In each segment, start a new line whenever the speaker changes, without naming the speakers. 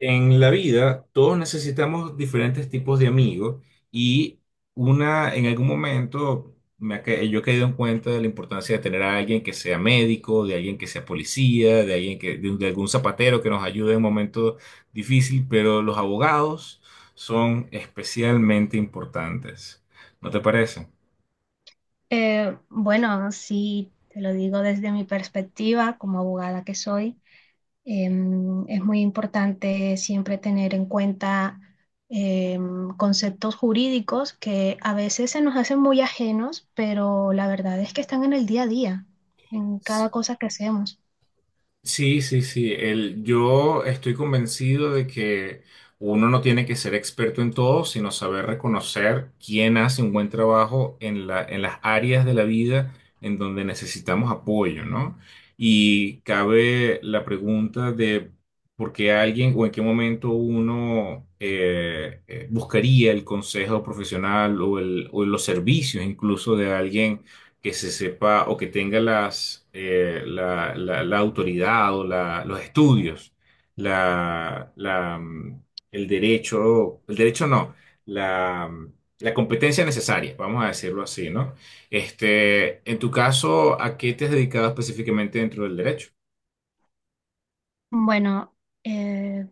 En la vida, todos necesitamos diferentes tipos de amigos y una, en algún momento, yo he caído en cuenta de la importancia de tener a alguien que sea médico, de alguien que sea policía, de alguien de algún zapatero que nos ayude en un momento difícil, pero los abogados son especialmente importantes. ¿No te parece?
Bueno, sí, te lo digo desde mi perspectiva como abogada que soy, es muy importante siempre tener en cuenta conceptos jurídicos que a veces se nos hacen muy ajenos, pero la verdad es que están en el día a día, en cada cosa que hacemos.
Sí, sí, sí. El, yo estoy convencido de que uno no tiene que ser experto en todo, sino saber reconocer quién hace un buen trabajo en las áreas de la vida en donde necesitamos apoyo, ¿no? Y cabe la pregunta de por qué alguien o en qué momento uno buscaría el consejo profesional o los servicios incluso de alguien que se sepa o que tenga la autoridad o los estudios, la, la, mm, el derecho no, la, mm, la competencia necesaria, vamos a decirlo así, ¿no? Este, en tu caso, ¿a qué te has dedicado específicamente dentro del derecho?
Bueno, eh,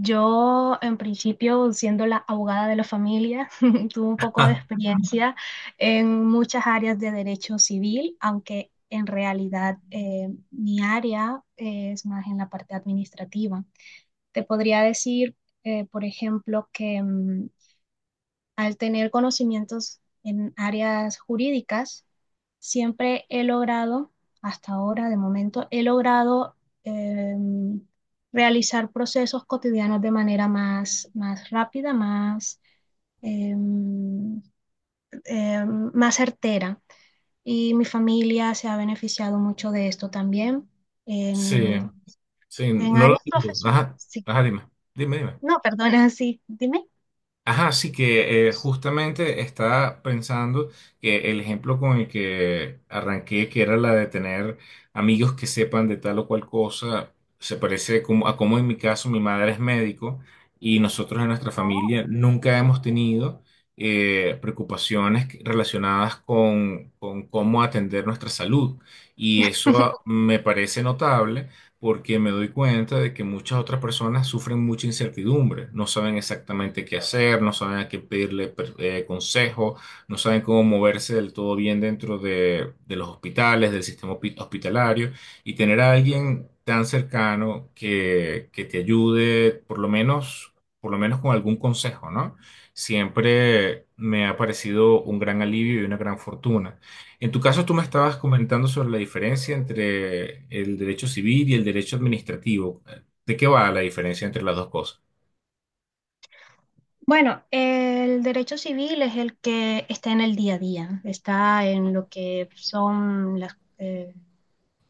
Yo, en principio, siendo la abogada de la familia, tuve un poco de experiencia en muchas áreas de derecho civil, aunque en realidad mi área es más en la parte administrativa. Te podría decir, por ejemplo, que al tener conocimientos en áreas jurídicas, siempre he logrado, hasta ahora de momento, he logrado eh, realizar procesos cotidianos de manera más rápida, eh, más certera. Y mi familia se ha beneficiado mucho de esto también.
Sí,
En,
sí,
en
no lo
áreas
dudo.
profesionales,
Ajá,
sí.
ajá, dime, dime, dime.
No, perdona, sí, dime.
Ajá, sí que justamente estaba pensando que el ejemplo con el que arranqué, que era la de tener amigos que sepan de tal o cual cosa, se parece como, a como en mi caso mi madre es médico y nosotros en nuestra familia nunca hemos tenido preocupaciones relacionadas con cómo atender nuestra salud. Y eso
Oh.
me parece notable porque me doy cuenta de que muchas otras personas sufren mucha incertidumbre, no saben exactamente qué hacer, no saben a qué pedirle consejo, no saben cómo moverse del todo bien de los hospitales, del sistema hospitalario, y tener a alguien tan cercano que te ayude por lo menos con algún consejo, ¿no? Siempre me ha parecido un gran alivio y una gran fortuna. En tu caso, tú me estabas comentando sobre la diferencia entre el derecho civil y el derecho administrativo. ¿De qué va la diferencia entre las dos cosas?
Bueno, el derecho civil es el que está en el día a día, está en lo que son las,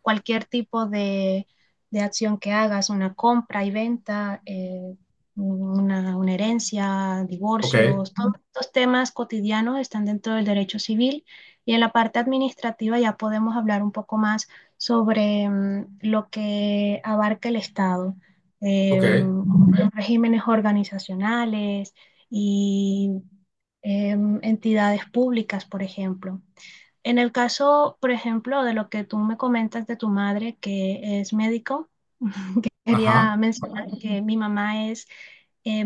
cualquier tipo de acción que hagas, una compra y venta, una herencia,
Ok,
divorcios, todos estos temas cotidianos están dentro del derecho civil y en la parte administrativa ya podemos hablar un poco más sobre lo que abarca el Estado,
ok.
los regímenes organizacionales y entidades públicas, por ejemplo. En el caso, por ejemplo, de lo que tú me comentas de tu madre, que es médico,
Ajá,
quería mencionar que mi mamá es eh,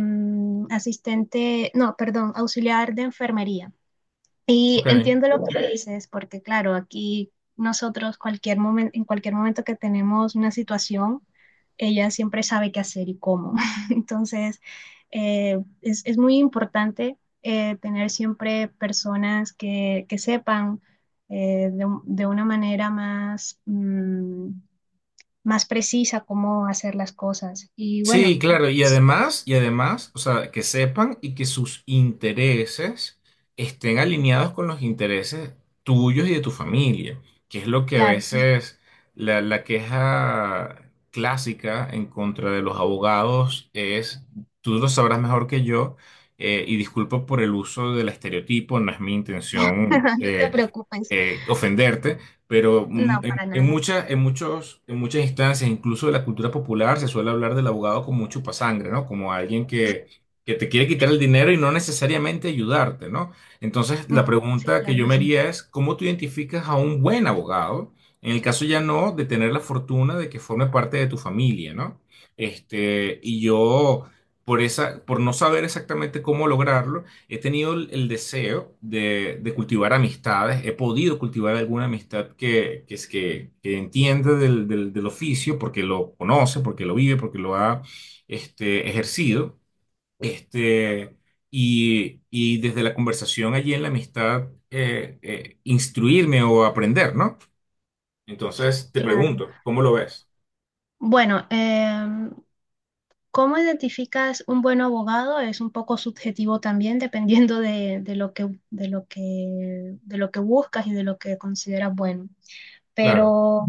asistente, no, perdón, auxiliar de enfermería. Y
ok.
entiendo lo que dices, porque claro, aquí nosotros cualquier momento, en cualquier momento que tenemos una situación, ella siempre sabe qué hacer y cómo. Entonces, es muy importante tener siempre personas que, sepan de una manera más precisa cómo hacer las cosas. Y
Sí, claro, y además, o sea, que sepan y que sus intereses estén alineados con los intereses tuyos y de tu familia, que es lo que a
claro,
veces la queja clásica en contra de los abogados es, tú lo sabrás mejor que yo, y disculpa por el uso del estereotipo, no es mi intención,
no te preocupes,
ofenderte, pero
no, para
en
nada.
muchas, en muchas instancias, incluso de la cultura popular, se suele hablar del abogado como un chupasangre, ¿no? Como alguien que te quiere quitar el dinero y no necesariamente ayudarte, ¿no? Entonces,
Mm,
la
sí,
pregunta que
claro,
yo me haría es, ¿cómo tú identificas a un buen abogado? En el caso ya no de tener la fortuna de que forme parte de tu familia, ¿no? Este, y yo, por esa, por no saber exactamente cómo lograrlo, he tenido el deseo de cultivar amistades, he podido cultivar alguna amistad que entiende del oficio, porque lo conoce, porque lo vive, porque lo ha este, ejercido. Este, y desde la conversación allí en la amistad, instruirme o aprender, ¿no? Entonces te
claro.
pregunto, ¿cómo lo ves?
Bueno, ¿cómo identificas un buen abogado? Es un poco subjetivo también, dependiendo de lo que buscas y de lo que consideras bueno.
Claro.
Pero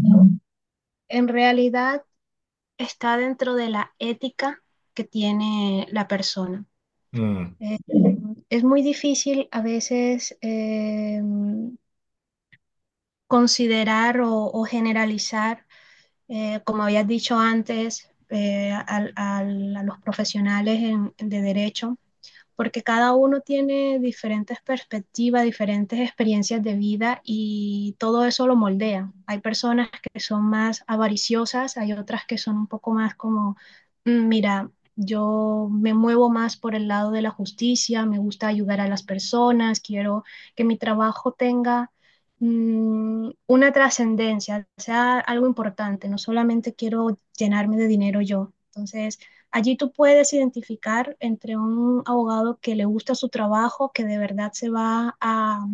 en realidad está dentro de la ética que tiene la persona.
Mm.
Eh, es muy difícil a veces considerar o generalizar como habías dicho antes, a los profesionales de derecho, porque cada uno tiene diferentes perspectivas, diferentes experiencias de vida y todo eso lo moldea. Hay personas que son más avariciosas, hay otras que son un poco más como: Mira, yo me muevo más por el lado de la justicia, me gusta ayudar a las personas, quiero que mi trabajo tenga una trascendencia, sea algo importante, no solamente quiero llenarme de dinero yo". Entonces, allí tú puedes identificar entre un abogado que le gusta su trabajo, que de verdad se va a,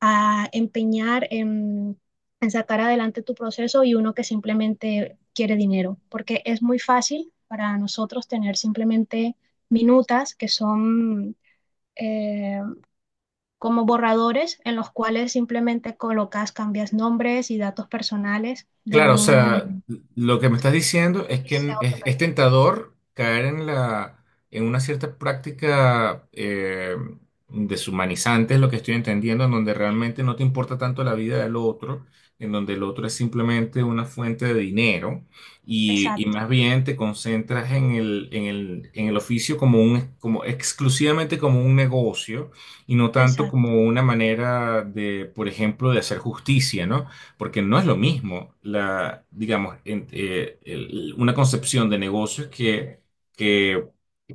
a empeñar en sacar adelante tu proceso, y uno que simplemente quiere dinero, porque es muy fácil para nosotros tener simplemente minutas que son eh, como borradores en los cuales simplemente colocas, cambias nombres y datos personales de
Claro, o sea,
un
lo que me estás diciendo es que
cliente a otro.
es tentador caer en la, en una cierta práctica deshumanizante, es lo que estoy entendiendo, en donde realmente no te importa tanto la vida del otro, en donde el otro es simplemente una fuente de dinero y
Exacto,
más bien te concentras en el oficio como un, como exclusivamente como un negocio y no tanto
exacto.
como una manera de, por ejemplo, de hacer justicia, ¿no? Porque no es lo mismo, la, digamos, una concepción de negocios que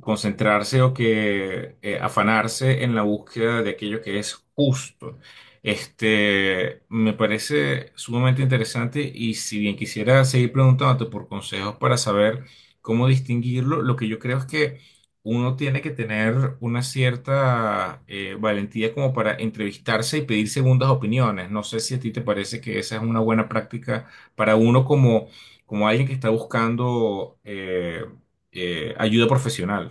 concentrarse o que afanarse en la búsqueda de aquello que es justo. Este, me parece sumamente interesante y si bien quisiera seguir preguntándote por consejos para saber cómo distinguirlo, lo que yo creo es que uno tiene que tener una cierta valentía como para entrevistarse y pedir segundas opiniones. No sé si a ti te parece que esa es una buena práctica para uno como, como alguien que está buscando ayuda profesional.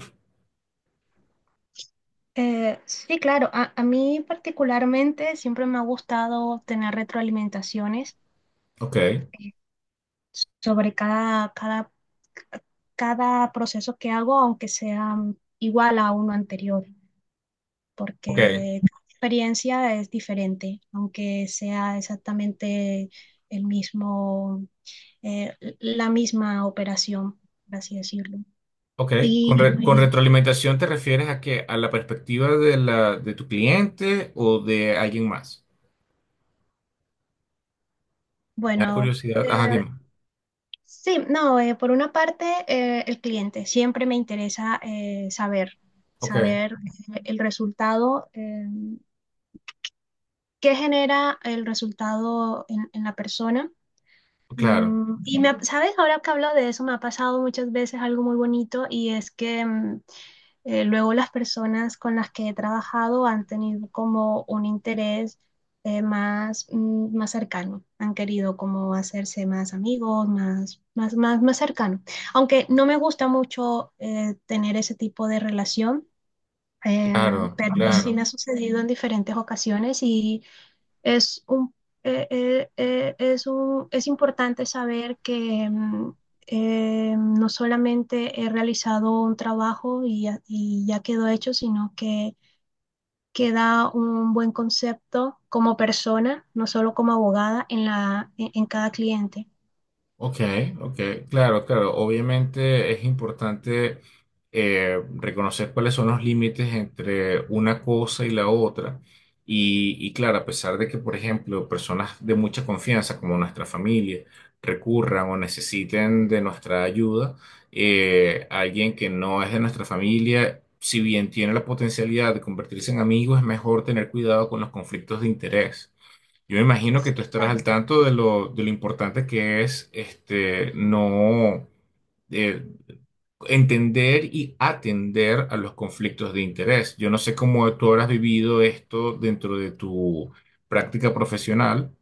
Sí, claro, a mí particularmente siempre me ha gustado tener retroalimentaciones
Ok,
eh, sobre cada proceso que hago, aunque sea igual a uno anterior,
ok,
porque cada experiencia es diferente, aunque sea exactamente el mismo, la misma operación, por así decirlo.
ok.
Y,
Con
y,
retroalimentación te refieres a que a la perspectiva de la, de tu cliente o de alguien más. Me da
bueno.
curiosidad. Ajá, dime.
Sí, no, por una parte, el cliente. Siempre me interesa saber,
Ok,
saber el resultado, qué genera el resultado en la persona.
claro,
¿Sabes? Ahora que hablo de eso, me ha pasado muchas veces algo muy bonito, y es que luego las personas con las que he trabajado han tenido como un interés más, más cercano, han querido como hacerse más amigos, más cercano. Aunque no me gusta mucho tener ese tipo de relación,
claro,
pero sí
claro.
me ha sucedido en diferentes ocasiones. Y es un, es importante saber que no solamente he realizado un trabajo y ya, quedó hecho, sino que queda un buen concepto como persona, no solo como abogada, en cada cliente.
Ok, ok, claro, claro. Obviamente es importante reconocer cuáles son los límites entre una cosa y la otra. Y claro, a pesar de que, por ejemplo, personas de mucha confianza, como nuestra familia, recurran o necesiten de nuestra ayuda, alguien que no es de nuestra familia, si bien tiene la potencialidad de convertirse en amigo, es mejor tener cuidado con los conflictos de interés. Yo me imagino que
Sí,
tú estarás
claro.
al tanto de lo importante que es este, no eh, entender y atender a los conflictos de interés. Yo no sé cómo tú habrás vivido esto dentro de tu práctica profesional.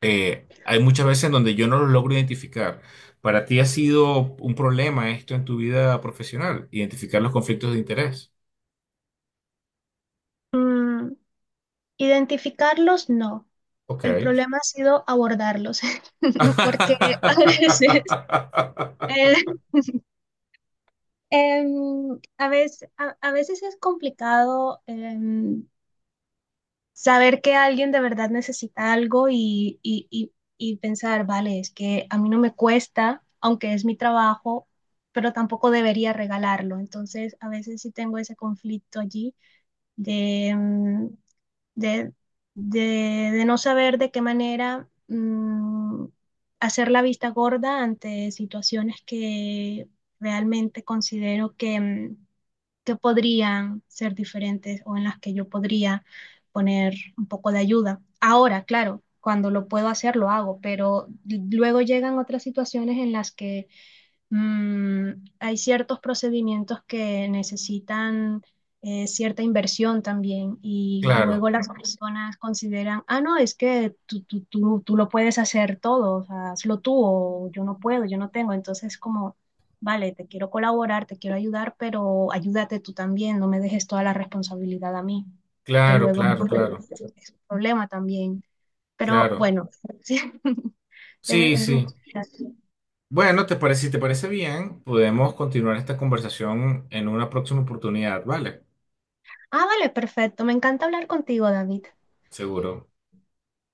Hay muchas veces en donde yo no lo logro identificar. ¿Para ti ha sido un problema esto en tu vida profesional? Identificar los conflictos de interés.
Mm, Identificarlos, no. El
Ok.
problema ha sido abordarlos, porque a veces... eh, Em, a veces es complicado saber que alguien de verdad necesita algo y pensar, vale, es que a mí no me cuesta, aunque es mi trabajo, pero tampoco debería regalarlo. Entonces, a veces sí tengo ese conflicto allí de, em, de, de no saber de qué manera hacer la vista gorda ante situaciones que realmente considero que podrían ser diferentes, o en las que yo podría poner un poco de ayuda. Ahora, claro, cuando lo puedo hacer, lo hago, pero luego llegan otras situaciones en las que Mm, hay ciertos procedimientos que necesitan cierta inversión también, y luego
Claro,
las, ujú, personas consideran: ah, no, es que tú, lo puedes hacer todo, o sea, hazlo tú, o yo no puedo, yo no tengo. Entonces como, vale, te quiero colaborar, te quiero ayudar, pero ayúdate tú también, no me dejes toda la responsabilidad a mí, porque
claro,
luego pues,
claro, claro.
ujú, es un problema también. Pero
Claro,
bueno, sí, es,
sí,
es un
sí.
poquito así.
Bueno, te parece, si te parece bien, podemos continuar esta conversación en una próxima oportunidad, ¿vale?
Ah, vale, perfecto. Me encanta hablar contigo, David.
Seguro.